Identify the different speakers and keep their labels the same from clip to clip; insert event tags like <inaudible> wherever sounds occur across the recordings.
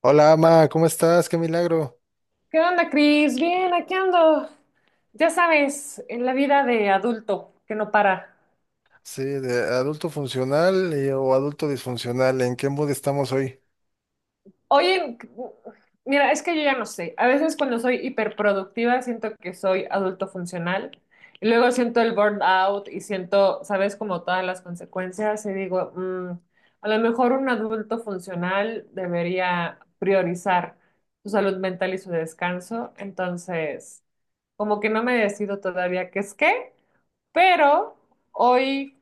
Speaker 1: Hola, Ama, ¿cómo estás? Qué milagro.
Speaker 2: ¿Qué onda, Cris? Bien, aquí ando. Ya sabes, en la vida de adulto que no para.
Speaker 1: Sí, de adulto funcional o adulto disfuncional, ¿en qué mood estamos hoy?
Speaker 2: Oye, mira, es que yo ya no sé. A veces cuando soy hiperproductiva siento que soy adulto funcional y luego siento el burnout y siento, sabes, como todas las consecuencias y digo, a lo mejor un adulto funcional debería priorizar su salud mental y su descanso. Entonces, como que no me decido todavía qué es qué, pero hoy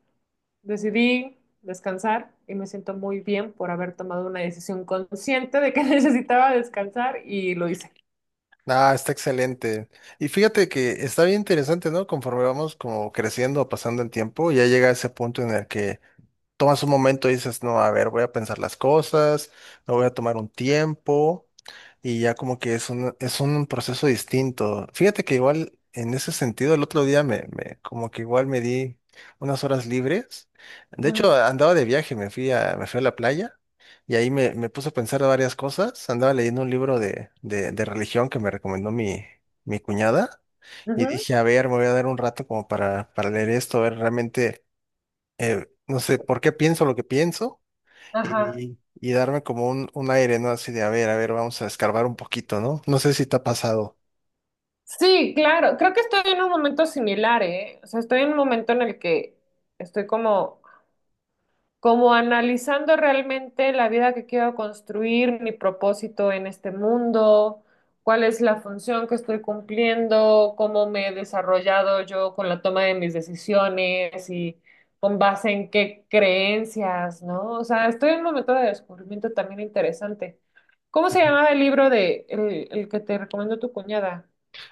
Speaker 2: decidí descansar y me siento muy bien por haber tomado una decisión consciente de que <laughs> necesitaba descansar y lo hice.
Speaker 1: Ah, está excelente. Y fíjate que está bien interesante, ¿no? Conforme vamos como creciendo, pasando el tiempo, ya llega ese punto en el que tomas un momento y dices, no, a ver, voy a pensar las cosas, me voy a tomar un tiempo y ya como que es es un proceso distinto. Fíjate que igual en ese sentido el otro día me como que igual me di unas horas libres. De
Speaker 2: Ujú,
Speaker 1: hecho, andaba de viaje, me fui a la playa y ahí me puse a pensar varias cosas. Andaba leyendo un libro de religión que me recomendó mi cuñada. Y
Speaker 2: ujú,
Speaker 1: dije, a ver, me voy a dar un rato como para leer esto, a ver realmente no sé por qué pienso lo que pienso
Speaker 2: ajá.
Speaker 1: y, y darme como un aire, ¿no? Así de, a ver, vamos a escarbar un poquito, ¿no? No sé si te ha pasado.
Speaker 2: Sí, claro. Creo que estoy en un momento similar, ¿eh? O sea, estoy en un momento en el que estoy como analizando realmente la vida que quiero construir, mi propósito en este mundo, cuál es la función que estoy cumpliendo, cómo me he desarrollado yo con la toma de mis decisiones y con base en qué creencias, ¿no? O sea, estoy en un momento de descubrimiento también interesante. ¿Cómo se
Speaker 1: Ujú.
Speaker 2: llamaba el libro de el que te recomendó tu cuñada?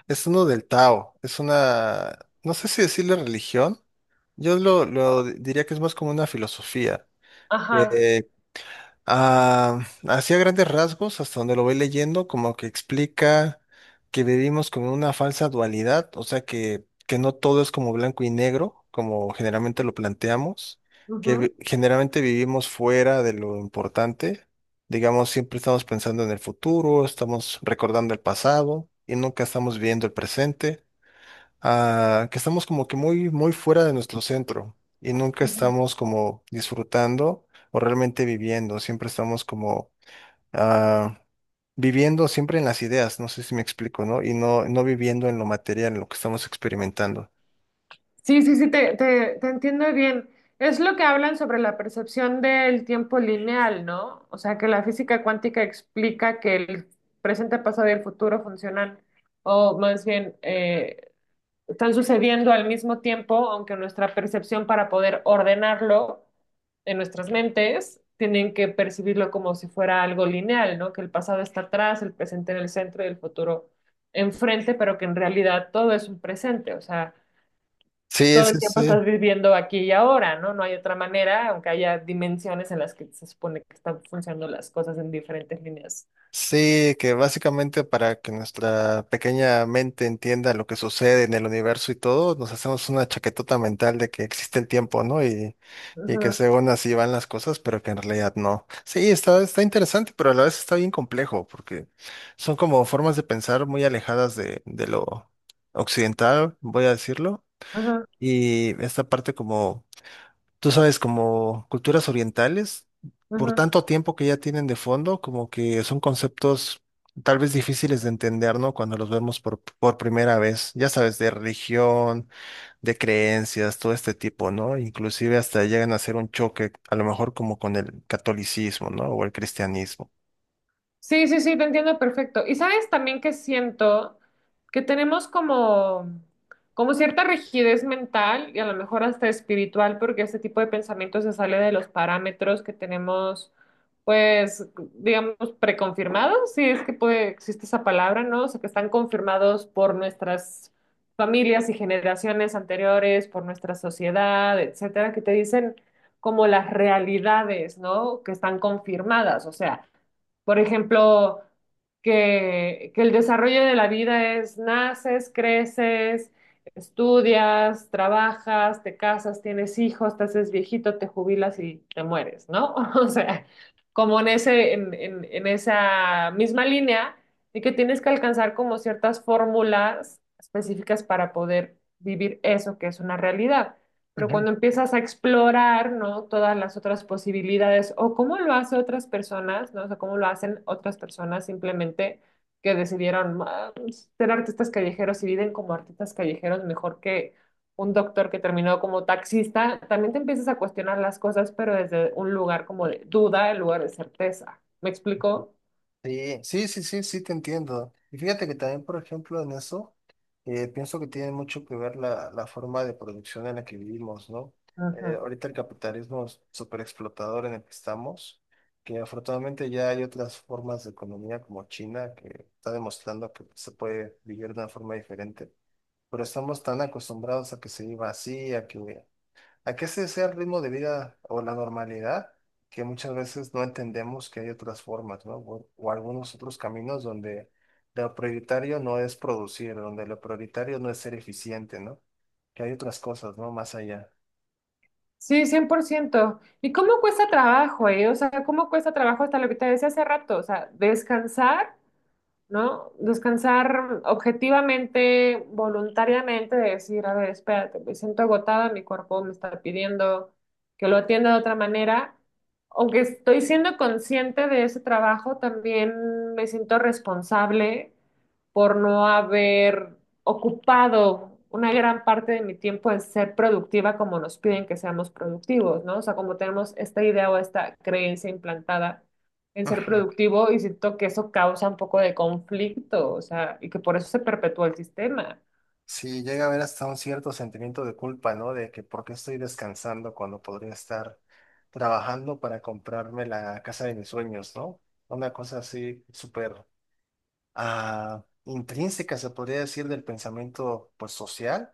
Speaker 1: Es uno del Tao, es una, no sé si decirle religión, yo lo diría que es más como una filosofía.
Speaker 2: Ajá.
Speaker 1: eh, Ah, así a grandes rasgos, hasta donde lo voy leyendo, como que explica que vivimos con una falsa dualidad, o sea que no todo es como blanco y negro, como generalmente lo planteamos, que
Speaker 2: Ujú,
Speaker 1: generalmente vivimos fuera de lo importante, digamos, siempre estamos pensando en el futuro, estamos recordando el pasado y nunca estamos viviendo el presente, que estamos como que muy, muy fuera de nuestro centro y nunca
Speaker 2: ujú.
Speaker 1: estamos como disfrutando o realmente viviendo, siempre estamos como ah, viviendo siempre en las ideas, no sé si me explico, ¿no? Y no, no viviendo en lo material, en lo que estamos experimentando.
Speaker 2: Sí, sí, sí, te entiendo bien. Es lo que hablan sobre la percepción del tiempo lineal, ¿no? O sea, que la física cuántica explica que el presente, pasado y el futuro funcionan, o más bien, están sucediendo al mismo tiempo, aunque nuestra percepción para poder ordenarlo en nuestras mentes, tienen que percibirlo como si fuera algo lineal, ¿no? Que el pasado está atrás, el presente en el centro y el futuro enfrente, pero que en realidad todo es un presente, o sea
Speaker 1: Sí,
Speaker 2: todo el tiempo estás viviendo aquí y ahora, ¿no? No hay otra manera, aunque haya dimensiones en las que se supone que están funcionando las cosas en diferentes líneas.
Speaker 1: sí, que básicamente para que nuestra pequeña mente entienda lo que sucede en el universo y todo, nos hacemos una chaquetota mental de que existe el tiempo, ¿no? Y que
Speaker 2: Ujú,
Speaker 1: según así van las cosas, pero que en realidad no. Sí, está interesante, pero a la vez está bien complejo, porque son como formas de pensar muy alejadas de lo occidental, voy a decirlo,
Speaker 2: ujú,
Speaker 1: y esta parte como tú sabes, como culturas orientales, por
Speaker 2: ujú.
Speaker 1: tanto tiempo que ya tienen de fondo, como que son conceptos tal vez difíciles de entender, ¿no? Cuando los vemos por primera vez, ya sabes, de religión, de creencias, todo este tipo, ¿no? Inclusive hasta llegan a ser un choque, a lo mejor como con el catolicismo, ¿no? O el cristianismo.
Speaker 2: Sí, sí, sí, te entiendo perfecto. Y sabes también que siento que tenemos como cierta rigidez mental y a lo mejor hasta espiritual, porque este tipo de pensamiento se sale de los parámetros que tenemos, pues, digamos, preconfirmados, si es que puede, existe esa palabra, ¿no? O sea, que están confirmados por nuestras familias y generaciones anteriores, por nuestra sociedad, etcétera, que te dicen como las realidades, ¿no? Que están confirmadas, o sea. Por ejemplo, que el desarrollo de la vida es naces, creces, estudias, trabajas, te casas, tienes hijos, te haces viejito, te jubilas y te mueres, ¿no? <laughs> O sea, como en ese, en esa misma línea, y que tienes que alcanzar como ciertas fórmulas específicas para poder vivir eso que es una realidad. Pero cuando empiezas a explorar, ¿no? Todas las otras posibilidades o cómo lo hacen otras personas, ¿no? O sea, cómo lo hacen otras personas simplemente que decidieron "Ah, pues, ser artistas callejeros y viven como artistas callejeros mejor que un doctor que terminó como taxista, también te empiezas a cuestionar las cosas, pero desde un lugar como de duda en lugar de certeza. ¿Me explico?
Speaker 1: Sí, sí, sí, sí, sí, te entiendo. Y fíjate que también, por ejemplo, en eso, pienso que tiene mucho que ver la forma de producción en la que vivimos, ¿no?
Speaker 2: Ujú.
Speaker 1: Ahorita el capitalismo súper explotador en el que estamos, que afortunadamente ya hay otras formas de economía como China, que está demostrando que se puede vivir de una forma diferente, pero estamos tan acostumbrados a que se viva así, a que ese sea el ritmo de vida o la normalidad, que muchas veces no entendemos que hay otras formas, ¿no? O algunos otros caminos donde lo prioritario no es producir, donde lo prioritario no es ser eficiente, ¿no? Que hay otras cosas, ¿no? Más allá.
Speaker 2: Sí, 100%. ¿Y cómo cuesta trabajo, eh? O sea, ¿cómo cuesta trabajo hasta lo que te decía hace rato? O sea, descansar, ¿no? Descansar objetivamente, voluntariamente, de decir, a ver, espérate, me siento agotada, mi cuerpo me está pidiendo que lo atienda de otra manera. Aunque estoy siendo consciente de ese trabajo, también me siento responsable por no haber ocupado una gran parte de mi tiempo en ser productiva como nos piden que seamos productivos, ¿no? O sea, como tenemos esta idea o esta creencia implantada en ser
Speaker 1: Ajá.
Speaker 2: productivo y siento que eso causa un poco de conflicto, o sea, y que por eso se perpetúa el sistema.
Speaker 1: Sí, llega a haber hasta un cierto sentimiento de culpa, ¿no? De que por qué estoy descansando cuando podría estar trabajando para comprarme la casa de mis sueños, ¿no? Una cosa así súper intrínseca, se podría decir, del pensamiento pues, social,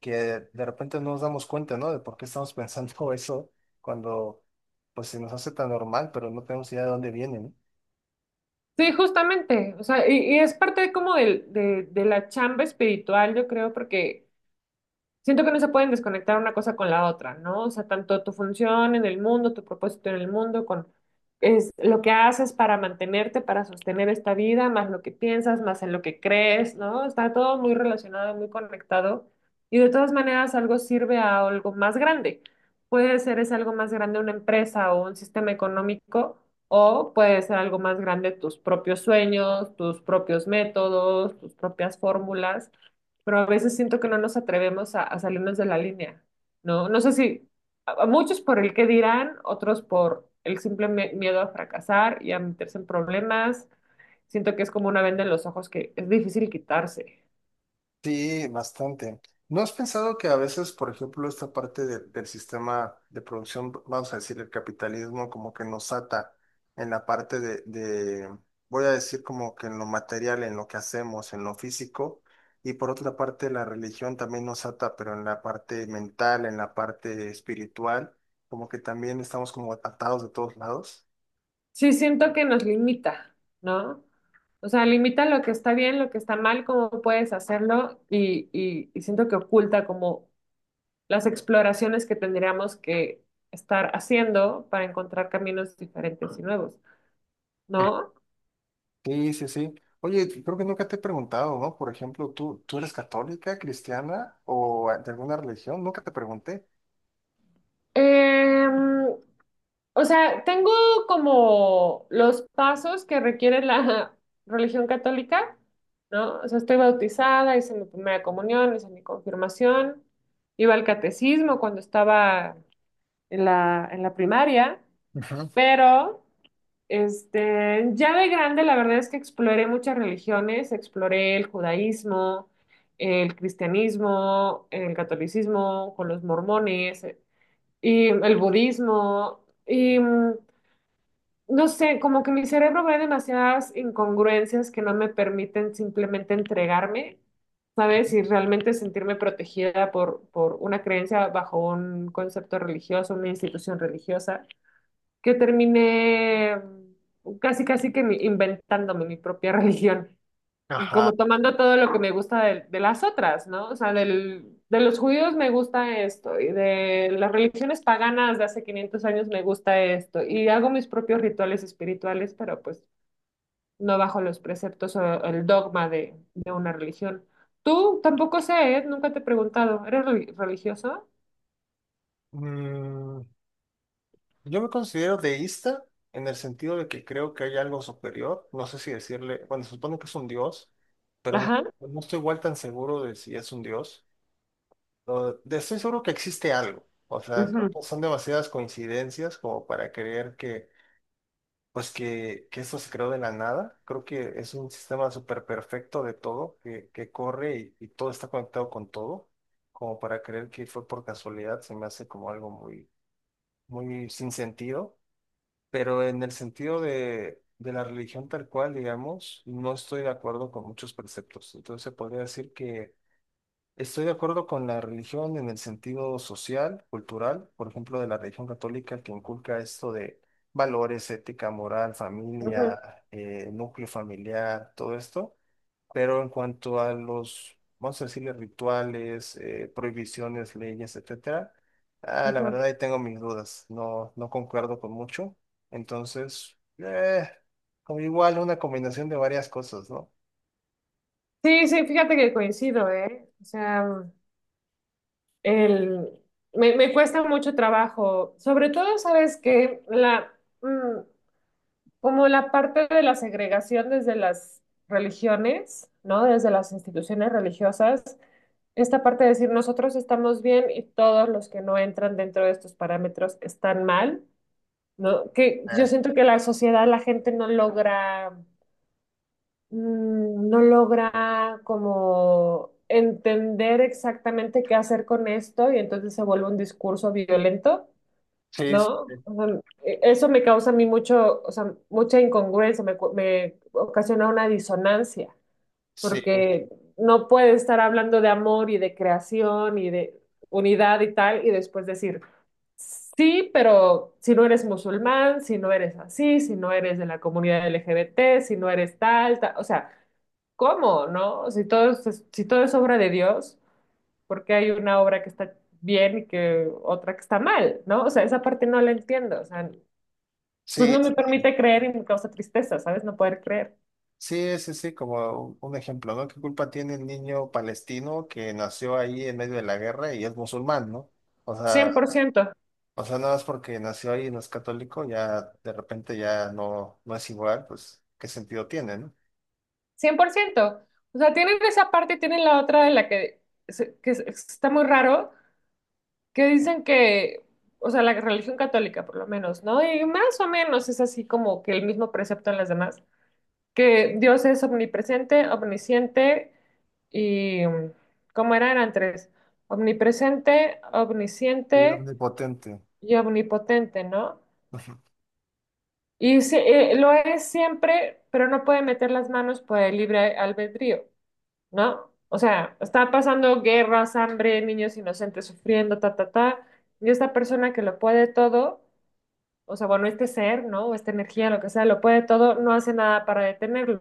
Speaker 1: que de repente no nos damos cuenta, ¿no? De por qué estamos pensando <laughs> eso cuando pues, se nos hace tan normal, pero no tenemos idea de dónde viene, ¿no?
Speaker 2: Sí, justamente, o sea, y es parte como de la chamba espiritual, yo creo, porque siento que no se pueden desconectar una cosa con la otra, ¿no? O sea, tanto tu función en el mundo, tu propósito en el mundo, con es lo que haces para mantenerte, para sostener esta vida, más lo que piensas, más en lo que crees, ¿no? Está todo muy relacionado, muy conectado. Y de todas maneras, algo sirve a algo más grande. Puede ser es algo más grande una empresa o un sistema económico, o puede ser algo más grande tus propios sueños, tus propios métodos, tus propias fórmulas, pero a veces siento que no nos atrevemos a salirnos de la línea, ¿no? No sé si a muchos por el qué dirán, otros por el simple miedo a fracasar y a meterse en problemas. Siento que es como una venda en los ojos que es difícil quitarse.
Speaker 1: Sí, bastante. ¿No has pensado que a veces, por ejemplo, esta parte del sistema de producción, vamos a decir, el capitalismo, como que nos ata en la parte de, voy a decir como que en lo material, en lo que hacemos, en lo físico, y por otra parte la religión también nos ata, pero en la parte mental, en la parte espiritual, como que también estamos como atados de todos lados?
Speaker 2: Sí, siento que nos limita, ¿no? O sea, limita lo que está bien, lo que está mal, cómo puedes hacerlo y siento que oculta como las exploraciones que tendríamos que estar haciendo para encontrar caminos diferentes y nuevos, ¿no?
Speaker 1: Sí, sí, sí. Oye, creo que nunca te he preguntado, ¿no? Por ejemplo, tú eres católica, cristiana o de alguna religión? Nunca te pregunté.
Speaker 2: Em, o sea, tengo como los pasos que requiere la <laughs> religión católica, ¿no? O sea, estoy bautizada, hice mi primera comunión, hice mi confirmación, iba al catecismo cuando estaba en la primaria,
Speaker 1: Ujú.
Speaker 2: pero este, ya de grande la verdad es que exploré muchas religiones, exploré el judaísmo, el cristianismo, el catolicismo, con los mormones y el budismo, y no sé, como que mi cerebro ve demasiadas incongruencias que no me permiten simplemente entregarme, ¿sabes? Y realmente sentirme protegida por una creencia bajo un concepto religioso, una institución religiosa, que terminé casi, casi que inventándome mi propia <laughs> religión como
Speaker 1: Ajá.
Speaker 2: tomando todo lo que me gusta de las otras, ¿no? O sea, de los judíos me gusta esto, y de las religiones paganas de hace 500 años me gusta esto, y hago mis propios rituales espirituales, pero pues no bajo los preceptos o el dogma de una religión. Tú tampoco sé, ¿eh? Nunca te he preguntado, ¿eres religioso?
Speaker 1: Mm, yo me considero deísta en el sentido de que creo que hay algo superior. No sé si decirle, bueno, se supone que es un dios, pero no,
Speaker 2: Ajá.
Speaker 1: no estoy igual tan seguro de si es un dios. No, estoy seguro que existe algo. O sea, creo
Speaker 2: Ujú,
Speaker 1: que son demasiadas coincidencias como para creer que pues que esto se creó de la nada. Creo que es un sistema súper perfecto de todo, que corre y todo está conectado con todo, como para creer que fue por casualidad, se me hace como algo muy, muy sin sentido. Pero en el sentido de la religión tal cual, digamos, no estoy de acuerdo con muchos preceptos. Entonces se podría decir que estoy de acuerdo con la religión en el sentido social, cultural, por ejemplo, de la religión católica que inculca esto de valores, ética, moral,
Speaker 2: ujú,
Speaker 1: familia, núcleo familiar, todo esto. Pero en cuanto a los, vamos a decirle, rituales, prohibiciones, leyes, etcétera, la
Speaker 2: ujú.
Speaker 1: verdad ahí tengo mis dudas. No, no concuerdo con mucho. Entonces, como igual una combinación de varias cosas, ¿no?
Speaker 2: Sí, sí, fíjate que coincido, ¿eh? O sea. El, me cuesta mucho trabajo, sobre todo, sabes que mm, como la parte de la segregación desde las religiones, ¿no? Desde las instituciones religiosas, esta parte de decir nosotros estamos bien y todos los que no entran dentro de estos parámetros están mal, ¿no? Que
Speaker 1: Eh,
Speaker 2: yo siento que la sociedad, la gente no logra no logra como entender exactamente qué hacer con esto y entonces se vuelve un discurso violento,
Speaker 1: sí, sí,
Speaker 2: ¿no? O sea, eso me causa a mí mucho, o sea, mucha incongruencia, me ocasiona una disonancia,
Speaker 1: sí,
Speaker 2: porque no puede estar hablando de amor y de creación y de unidad y tal y después decir: sí, pero si no eres musulmán, si no eres así, si no eres de la comunidad LGBT, si no eres tal, tal, o sea, ¿cómo, no? Si todo es, si todo es obra de Dios, ¿por qué hay una obra que está bien y que otra que está mal? ¿No? O sea, esa parte no la entiendo, o sea, entonces
Speaker 1: sí.
Speaker 2: no me
Speaker 1: Sí.
Speaker 2: permite creer y me causa tristeza, ¿sabes? No poder creer.
Speaker 1: Sí, sí, sí, como un ejemplo, ¿no? ¿Qué culpa tiene el niño palestino que nació ahí en medio de la guerra y es musulmán, ¿no? O
Speaker 2: Cien
Speaker 1: sea,
Speaker 2: cien por ciento,
Speaker 1: o sea, nada más porque nació ahí y no es católico, ya de repente ya no, no es igual, pues, ¿qué sentido tiene, ¿no?
Speaker 2: 100%. O sea, tienen esa parte y tienen la otra de la que, está muy raro, que dicen que, o sea, la religión católica por lo menos, ¿no? Y más o menos es así como que el mismo precepto en las demás, que Dios es omnipresente, omnisciente y, ¿cómo eran? Eran tres. Omnipresente,
Speaker 1: Y
Speaker 2: omnisciente
Speaker 1: omnipotente.
Speaker 2: y omnipotente, ¿no? Y sí, lo es siempre, pero no puede meter las manos por el libre albedrío, ¿no? O sea, está pasando guerras, hambre, niños inocentes sufriendo, ta, ta, ta. Y esta persona que lo puede todo, o sea, bueno, este ser, ¿no? O esta energía, lo que sea, lo puede todo, no hace nada para detenerlo,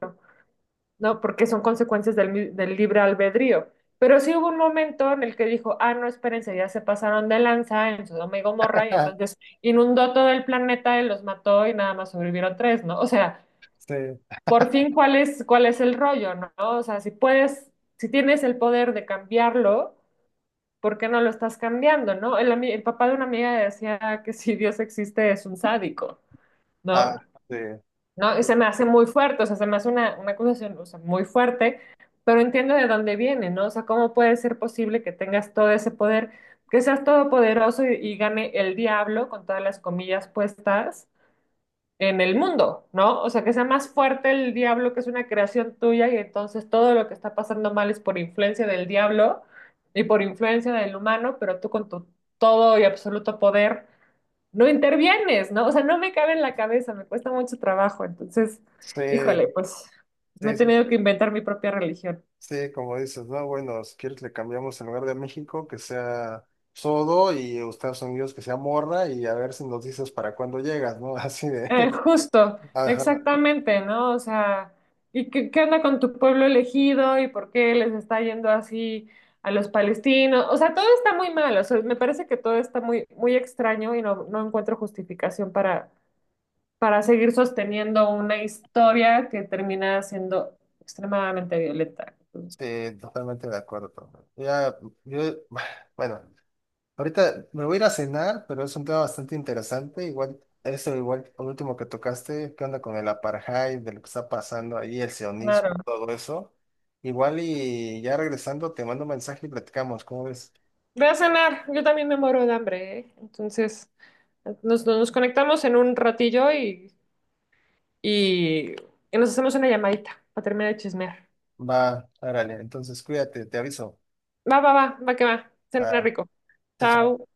Speaker 2: ¿no? Porque son consecuencias del libre albedrío. Pero sí hubo un momento en el que dijo, ah, no, espérense, ya se pasaron de lanza en Sodoma y Gomorra, y entonces
Speaker 1: <laughs>
Speaker 2: inundó todo el planeta y los mató y nada más sobrevivieron tres, ¿no? O sea,
Speaker 1: Sí,
Speaker 2: por fin, ¿cuál es el rollo? ¿No? O sea, si puedes, si tienes el poder de cambiarlo, ¿por qué no lo estás cambiando? ¿No? El el papá de una amiga decía que si Dios existe es un sádico,
Speaker 1: ah,
Speaker 2: ¿no?
Speaker 1: sí,
Speaker 2: No, y se me hace muy fuerte, o sea, se me hace una acusación, o sea, muy fuerte, pero entiendo de dónde viene, ¿no? O sea, ¿cómo puede ser posible que tengas todo ese poder, que seas todopoderoso y gane el diablo con todas las comillas puestas en el mundo, ¿no? O sea, que sea más fuerte el diablo, que es una creación tuya, y entonces todo lo que está pasando mal es por influencia del diablo y por influencia del humano, pero tú con tu todo y absoluto poder no intervienes, ¿no? O sea, no me cabe en la cabeza, me cuesta mucho trabajo. Entonces,
Speaker 1: sí,
Speaker 2: híjole, pues me he
Speaker 1: sí, sí, sí,
Speaker 2: tenido que inventar mi propia religión.
Speaker 1: sí, como dices, no, bueno, si quieres le cambiamos en lugar de México que sea Sodo y Estados Unidos que sea Morra y a ver si nos dices para cuándo llegas, ¿no? <laughs> Así de,
Speaker 2: Justo,
Speaker 1: <laughs> ajá,
Speaker 2: exactamente, ¿no? O sea, ¿y qué onda con tu pueblo elegido y por qué les está yendo así a los palestinos? O sea, todo está muy mal, o sea, me parece que todo está muy, muy extraño y no encuentro justificación para seguir sosteniendo una historia que termina siendo extremadamente violenta.
Speaker 1: sí, totalmente de acuerdo. Pablo. Ya, yo, <sighs> bueno, ahorita me voy a ir a cenar, pero es un tema bastante interesante. Igual, eso igual, lo último que tocaste, qué onda con el apartheid, de lo que está pasando ahí, el sionismo,
Speaker 2: Claro.
Speaker 1: todo eso. Igual y ya regresando, te mando un mensaje y platicamos, ¿cómo ves?
Speaker 2: Ve a cenar, yo también me muero de hambre, ¿eh? Entonces, nos conectamos en un ratillo y, y, y nos hacemos una llamadita para terminar de chismear.
Speaker 1: Va, árale, entonces cuídate, te aviso.
Speaker 2: Va, va, va, va que va.
Speaker 1: Va,
Speaker 2: Cena rico.
Speaker 1: chao, chao.
Speaker 2: Chao.